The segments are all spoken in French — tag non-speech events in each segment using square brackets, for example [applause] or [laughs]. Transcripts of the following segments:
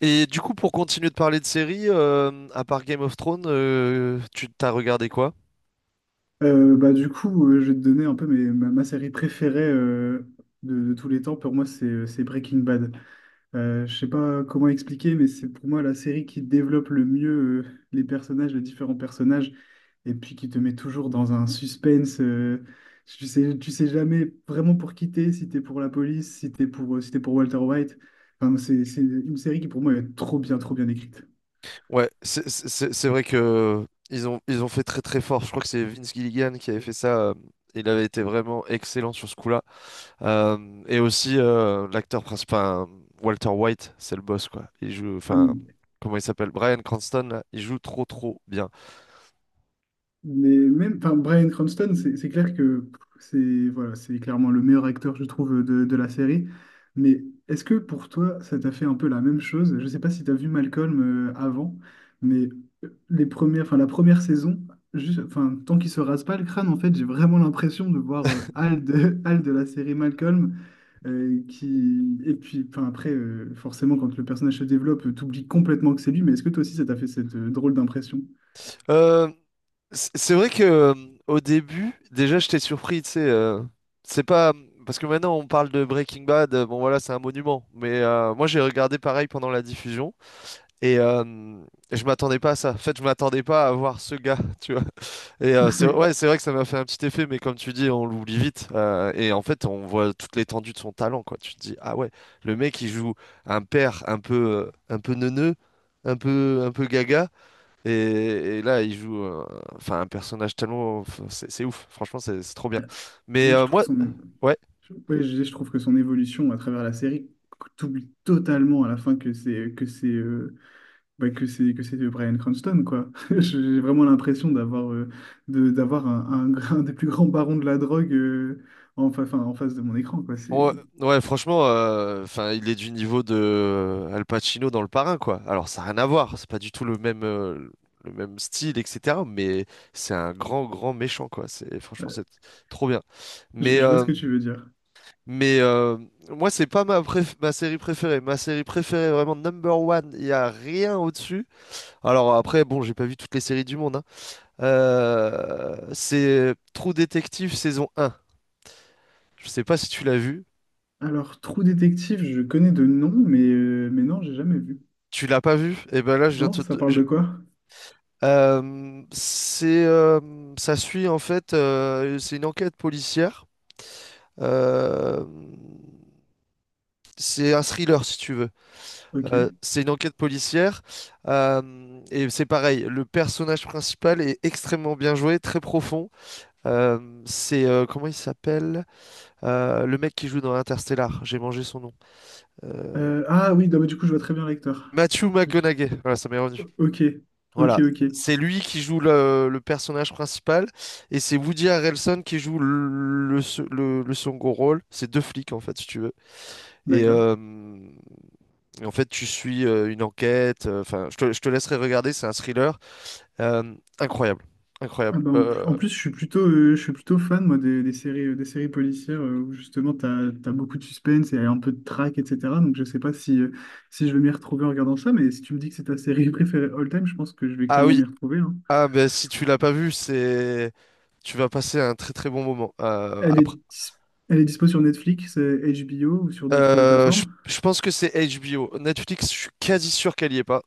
Et du coup, pour continuer de parler de séries, à part Game of Thrones, tu t'as regardé quoi? Du coup, je vais te donner un peu ma série préférée de tous les temps. Pour moi, c'est Breaking Bad. Je sais pas comment expliquer, mais c'est pour moi la série qui développe le mieux les personnages, les différents personnages, et puis qui te met toujours dans un suspense. Tu sais jamais vraiment pour qui t'es, si t'es pour la police, si t'es pour, si t'es pour Walter White. Enfin, c'est une série qui pour moi est trop bien écrite. Ouais, c'est vrai que ils ont fait très très fort. Je crois que c'est Vince Gilligan qui avait fait ça. Il avait été vraiment excellent sur ce coup-là. Et aussi, l'acteur principal, enfin, Walter White, c'est le boss, quoi. Il joue, enfin, I'm. comment il s'appelle? Bryan Cranston, là, il joue trop trop bien. Mais même, enfin, Bryan Cranston, c'est clair que pff, c'est voilà, c'est clairement le meilleur acteur, je trouve, de la série. Mais est-ce que pour toi, ça t'a fait un peu la même chose? Je sais pas si tu as vu Malcolm avant, mais les premières, enfin, la première saison, juste, enfin, tant qu'il se rase pas le crâne, en fait, j'ai vraiment l'impression de voir [laughs] Hal de, [laughs] Hal de la série Malcolm, et puis, enfin, après, forcément, quand le personnage se développe, t'oublies complètement que c'est lui. Mais est-ce que toi aussi, ça t'a fait cette drôle d'impression? Euh, c'est vrai que au début, déjà, j'étais surpris, tu sais. C'est pas parce que maintenant on parle de Breaking Bad. Bon, voilà, c'est un monument. Mais moi, j'ai regardé pareil pendant la diffusion et je m'attendais pas à ça. En fait, je m'attendais pas à voir ce gars, [laughs] tu vois. Et c'est ouais, [laughs] c'est vrai que ça m'a fait un petit effet, mais comme tu dis, on l'oublie vite. Et en fait, on voit toute l'étendue de son talent, quoi. Tu te dis, ah ouais, le mec, il joue un père un peu neuneux, un peu gaga. Et, et là, il joue enfin, un personnage tellement. Enfin, c'est ouf, franchement, c'est trop bien. Mais Moi, je trouve moi, son. ouais. Oui, je trouve que son évolution à travers la série, t'oublies totalement à la fin que c'est bah, que c'est de Bryan Cranston quoi. [laughs] Mm. J'ai vraiment l'impression d'avoir de d'avoir un des plus grands barons de la drogue enfin, en face de mon écran quoi. C'est Ouais, ouais, franchement, enfin, il est du niveau de Al Pacino dans Le Parrain, quoi. Alors, ça n'a rien à voir, c'est pas du tout le même style, etc. Mais c'est un grand, grand méchant, quoi. C'est, franchement, ouais, c'est trop bien. Mais, je vois euh, ce que tu veux dire. mais moi, c'est pas ma, préf- ma série préférée. Ma série préférée, vraiment number one, il y a rien au-dessus. Alors, après, bon, j'ai pas vu toutes les séries du monde, hein. C'est Trou Détective saison 1. Je sais pas si tu l'as vu. Alors Trou Détective, je connais de nom, mais non, j'ai jamais vu. Tu l'as pas vu? Et ben là, je viens Non, te... ça te- parle je- de quoi? Euh, c'est, euh, Ça suit en fait, c'est une enquête policière. Euh, c'est un thriller si tu veux. Ok. C'est une enquête policière. Et c'est pareil, le personnage principal est extrêmement bien joué, très profond. Comment il s'appelle? Le mec qui joue dans Interstellar. J'ai mangé son nom. Euh, Ah oui, non, mais du coup, je vois très bien l'acteur. Matthew Je- McConaughey, voilà, ça m'est revenu. Ok, ok, Voilà, ok, c'est lui qui joue le personnage principal et c'est Woody Harrelson qui joue le second rôle. C'est deux flics en fait, si tu veux. Et, d'accord. euh, et en fait, tu suis une enquête. Enfin, je te laisserai regarder, c'est un thriller Euh, incroyable, incroyable. Ah bah, en plus, je suis plutôt fan moi, des séries policières où justement tu as, beaucoup de suspense et un peu de traque, etc. Donc je sais pas si, si je vais m'y retrouver en regardant ça, mais si tu me dis que c'est ta série [laughs] préférée all time, je pense que je vais Ah clairement oui, m'y retrouver, hein. ah ben si tu l'as pas vu, c'est tu vas passer un très très bon moment. Elle est, elle est dispo sur Netflix, HBO ou sur d'autres plateformes. Je pense que c'est HBO. Netflix, je suis quasi sûr qu'elle y est pas.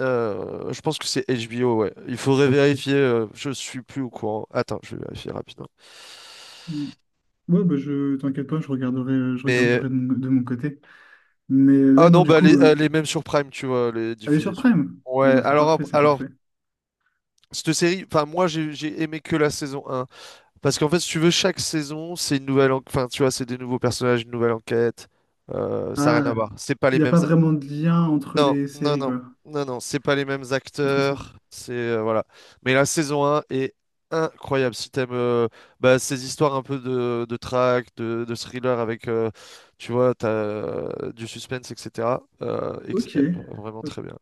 Je pense que c'est HBO, ouais. Il faudrait vérifier. Je suis plus au courant. Attends, je vais vérifier rapidement. Mm. Ouais, bah je t'inquiète pas, je Mais regarderai de mon côté. Mais ouais, ah non, non, du bah coup, elle euh. est même sur Prime, tu vois, elle est Elle est diffusée sur sur- Prime? Bon, Ouais. bah, c'est parfait, c'est Alors parfait. cette série, enfin moi j'ai aimé que la saison un, parce qu'en fait si tu veux chaque saison c'est une nouvelle, enfin tu vois c'est des nouveaux personnages, une nouvelle enquête. Ça n'a rien à Ah, voir. C'est pas les il n'y a mêmes. pas vraiment de lien entre Non, les non, séries, non, quoi. non, non, c'est pas les mêmes Entre les saisons. acteurs, c'est voilà. Mais la saison 1 est incroyable. Si t'aimes bah, ces histoires un peu de track, de thriller avec, tu vois, t'as du suspense, etc. euh, ex- Ok. euh, Vraiment Hop. très bien.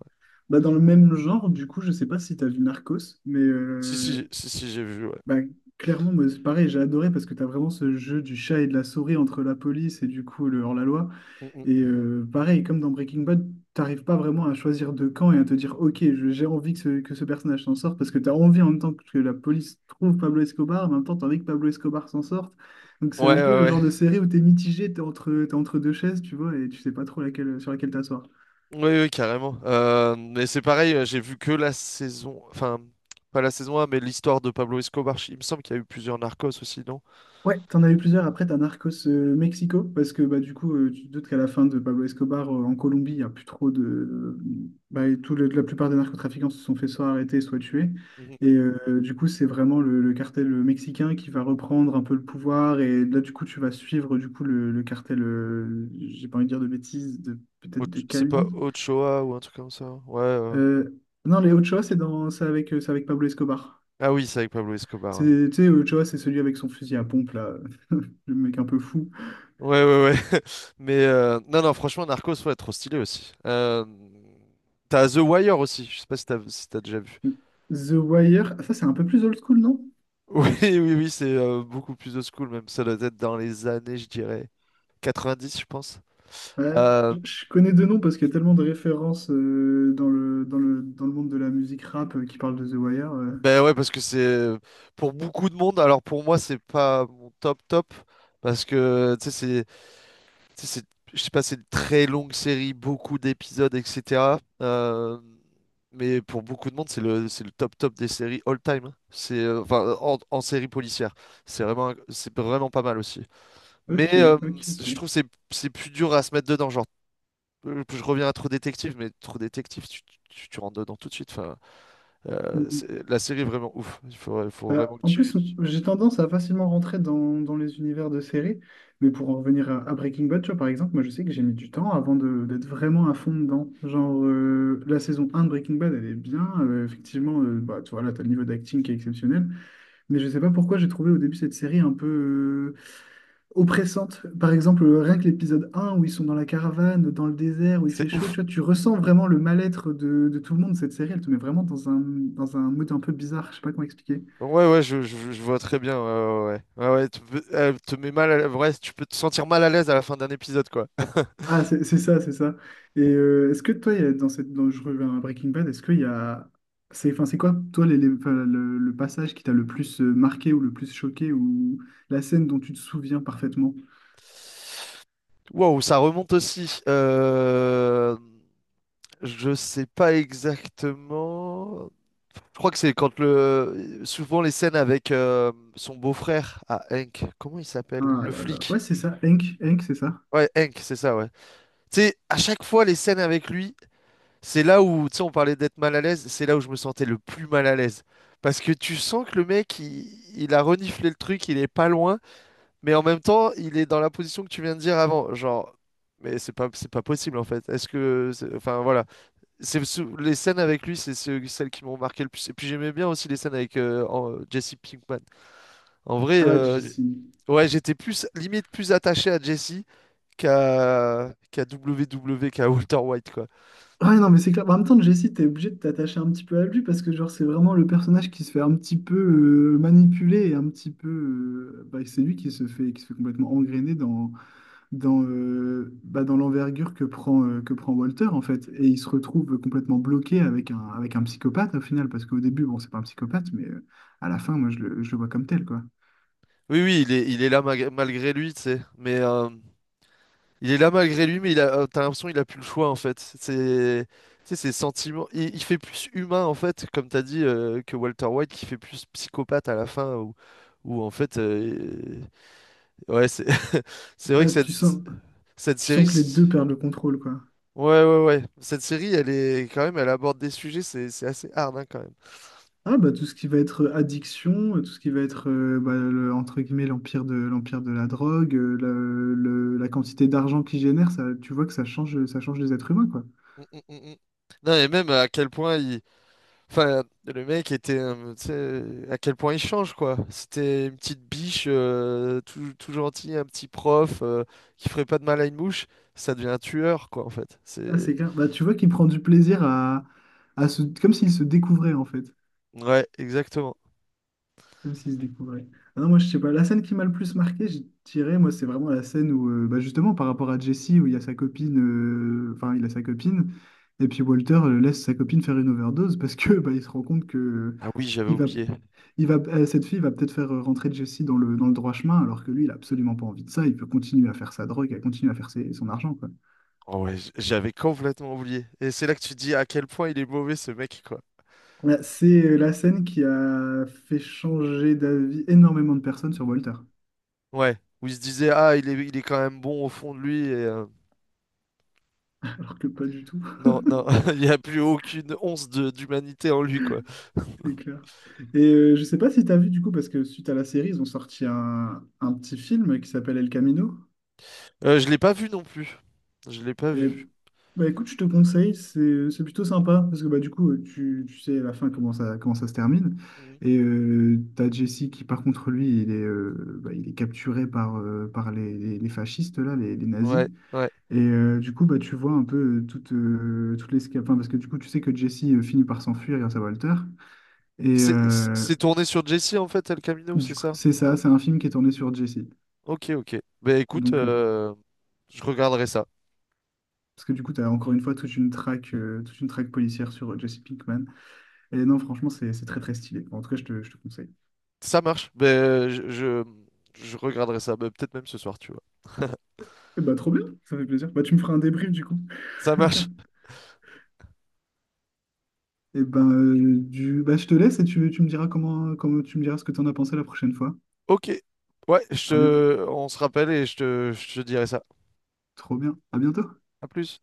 Bah, dans le même genre, du coup, je sais pas si tu as vu Narcos, mais Si, si, euh, si, si, j'ai vu, ouais. bah, clairement, moi, c'est pareil, j'ai adoré parce que tu as vraiment ce jeu du chat et de la souris entre la police et du coup le hors-la-loi. Mm, Et mm. Pareil, comme dans Breaking Bad, t'arrives pas vraiment à choisir de camp et à te dire, ok, j'ai envie que ce personnage s'en sorte, parce que t'as envie en même temps que la police trouve Pablo Escobar, en même temps t'as envie que Pablo Escobar s'en sorte. Donc c'est Ouais, un ouais, peu le ouais. genre de série où t'es mitigé, t'es entre deux chaises, tu vois, et tu sais pas trop laquelle, sur laquelle t'asseoir. Oui, oui, carrément. Mais c'est pareil, j'ai vu que la saison, enfin, pas la saison 1, mais l'histoire de Pablo Escobar. Il me semble qu'il y a eu plusieurs Narcos aussi, non? Ouais, t'en as eu plusieurs après, t'as Narcos Mexico, parce que bah, du coup, tu te doutes qu'à la fin de Pablo Escobar en Colombie, il n'y a plus trop de. Bah, et la plupart des narcotrafiquants se sont fait soit arrêter, soit tuer. Mhm. Et du coup, c'est vraiment le cartel mexicain qui va reprendre un peu le pouvoir. Et là, du coup, tu vas suivre du coup le cartel, j'ai pas envie de dire de bêtises, de, peut-être de C'est pas Cali. Ochoa ou un truc comme ça. Ouais. Euh, non, les Ochoa, c'est dans, c'est avec Pablo Escobar. Ah oui, c'est avec Pablo C'est, Escobar. tu sais, Ochoa, c'est celui avec son fusil à pompe, là, [laughs] le mec un peu fou. Ouais, ouais, ouais, ouais. [laughs] Mais non, non, franchement, Narcos, ouais, trop stylé aussi. T'as The Wire aussi. Je sais pas si t'as déjà vu. [laughs] The Wire, ah, ça c'est un peu plus old school, non? Oui, oui, oui, c'est beaucoup plus old school même. Ça doit être dans les années, je dirais, 90, je pense. Ouais, Euh, je connais deux noms parce qu'il y a tellement de références dans le, dans le, dans le monde de la musique rap qui parlent de The Wire, euh. ben ouais, parce que c'est pour beaucoup de monde. Alors pour moi, c'est pas mon top top parce que tu sais, Tu sais, c'est- je sais pas, c'est une très longue série, beaucoup d'épisodes, etc. Mais pour beaucoup de monde, c'est c'est le top top des séries all time, hein. C'est, enfin, en, en série policière. C'est vraiment, c'est vraiment pas mal aussi. Mais Ok, ok, je ok. trouve que c'est plus dur à se mettre dedans. Genre, je reviens à Trop Détective, mais Trop Détective, tu rentres dedans tout de suite. Enfin, Mm, mm. La série est vraiment ouf. Il faut vraiment que En tu. plus, j'ai tendance à facilement rentrer dans, dans les univers de séries, mais pour en revenir à Breaking Bad, tu vois, par exemple, moi je sais que j'ai mis du temps avant d'être vraiment à fond dedans. Genre, la saison un de Breaking Bad, elle est bien, effectivement, tu vois, là, t'as le niveau d'acting qui est exceptionnel. Mais je sais pas pourquoi j'ai trouvé au début cette série un peu oppressante. Par exemple, rien que l'épisode un où ils sont dans la caravane, dans le désert, où il fait C'est chaud, tu ouf. vois, tu ressens vraiment le mal-être de tout le monde. Cette série, elle te met vraiment dans un mood un peu bizarre, je sais pas comment expliquer. Ouais, ouais, je vois très bien. Ouais, ouais, ouais. Ouais, ouais, tu peux- elle te met mal à l'aise. Ouais, tu peux te sentir mal à l'aise à la fin d'un épisode, quoi. [laughs] Ah, c'est ça, c'est ça. Et est-ce que toi, il y a dans cette, dans, je reviens à Breaking Bad, est-ce qu'il y a... C'est, enfin, c'est quoi, toi, enfin, le passage qui t'a le plus marqué ou le plus choqué ou la scène dont tu te souviens parfaitement? Wow, ça remonte aussi. Je sais pas exactement. Je crois que c'est quand le. Souvent les scènes avec son beau-frère à Hank. Comment il s'appelle? Ah Le là là. Ouais, flic. c'est ça, Hank, Hank, c'est ça. Ouais, Hank, c'est ça, ouais. Tu sais, à chaque fois les scènes avec lui. C'est là où, tu sais, on parlait d'être mal à l'aise, c'est là où je me sentais le plus mal à l'aise. Parce que tu sens que il a reniflé le truc, il est pas loin, mais en même temps, il est dans la position que tu viens de dire avant. Genre, mais c'est pas possible en fait. Enfin voilà, les scènes avec lui, celles qui m'ont marqué le plus. Et puis j'aimais bien aussi les scènes avec Jesse Pinkman. En vrai, Ah, Jessie. ouais, j'étais plus, limite plus attaché à Jesse qu'à qu'à W W qu'à Walter White, quoi. Ouais, non, mais c'est clair. Bah, en même temps, Jessie, t'es obligé de t'attacher un petit peu à lui parce que, genre, c'est vraiment le personnage qui se fait un petit peu manipuler et un petit peu, c'est lui qui se fait complètement engrainer dans l'envergure que prend Walter, en fait. Et il se retrouve complètement bloqué avec un psychopathe, au final, parce qu'au début, bon, c'est pas un psychopathe, à la fin, moi, je le vois comme tel, quoi. Oui, oui, il est là malgré lui, tu sais. Mais il est là malgré lui, mais t'as l'impression qu'il a plus le choix en fait. C'est, tu sais, ses sentiments. Il fait plus humain en fait, comme t'as dit, que Walter White, qui fait plus psychopathe à la fin, en fait, ouais, c'est, [laughs] c'est vrai Bah, que cette tu sens série, que les deux perdent le contrôle, quoi. ouais, ouais, ouais, cette série, elle est quand même, elle aborde des sujets, c'est assez hard hein, quand même. Ah bah tout ce qui va être addiction, tout ce qui va être entre guillemets l'empire de la drogue, la quantité d'argent qu'il génère, ça, tu vois que ça change les êtres humains quoi. Mm, mm, mm, mm. Non, et même à quel point il Enfin, le mec était, tu sais, à quel point il change, quoi. C'était une petite biche, tout gentil, un petit prof, qui ferait pas de mal à une mouche. Ça devient un tueur, quoi, en fait. Ah C'est... c'est clair. Bah tu vois qu'il prend du plaisir à se, comme s'il se découvrait en fait, Ouais, exactement. comme s'il se découvrait. Ah non moi je sais pas. La scène qui m'a le plus marqué, je dirais moi c'est vraiment la scène où justement par rapport à Jesse où il y a sa copine, enfin il a sa copine et puis Walter laisse sa copine faire une overdose parce que bah, il se rend compte que Ah oui, j'avais il va oublié. il va, cette fille va peut-être faire rentrer Jesse dans le droit chemin, alors que lui, il a absolument pas envie de ça. Il peut continuer à faire sa drogue, à continuer à faire son argent, quoi. Oh ouais, j'avais complètement oublié. Et c'est là que tu te dis à quel point il est mauvais, ce mec, quoi. Ouais, c'est la scène qui a fait changer d'avis énormément de personnes sur Walter. Ouais, où il se disait, ah, il est quand même bon au fond de lui, [laughs] Alors que pas du tout. Non, non, [laughs] il n'y a plus aucune once de d'humanité en lui, quoi. [laughs] C'est clair. Et je sais pas si tu as vu du coup, parce que suite à la série, ils ont sorti un petit film qui s'appelle El Camino. Je l'ai pas vu non plus. Je l'ai pas Et, vu. bah, écoute, je te conseille, c'est plutôt sympa parce que bah, du coup, tu sais à la fin comment ça se termine. Mhm. Et t'as Jesse qui, par contre, lui, il est, il est capturé par, par les, les fascistes, là, les nazis. Ouais, ouais. Et du coup, bah, tu vois un peu toute, toute l'escapade. Enfin, parce que du coup, tu sais que Jesse finit par s'enfuir grâce à Walter. Et C'est tourné sur Jessie en fait, El Camino, c'est du coup, ça? c'est Ouais. ça, c'est un film qui est tourné sur Jesse. Ok, ok. Ben écoute, Donc, je regarderai ça. parce que du coup, tu as encore une fois toute une traque policière sur Jesse Pinkman. Et non, franchement, c'est très très stylé. En tout cas, je te conseille. Ça marche. Ben je regarderai ça. Ben, peut-être même ce soir, tu vois. Et bah, trop bien, ça fait plaisir. Bah, tu me feras un débrief du coup. [laughs] Ça marche. Et ben je te laisse et tu me diras comment, comment tu me diras ce que tu en as pensé la prochaine fois. Ok. Ouais, Ah bien, on se rappelle et je te dirai ça. trop bien. À bientôt. À plus.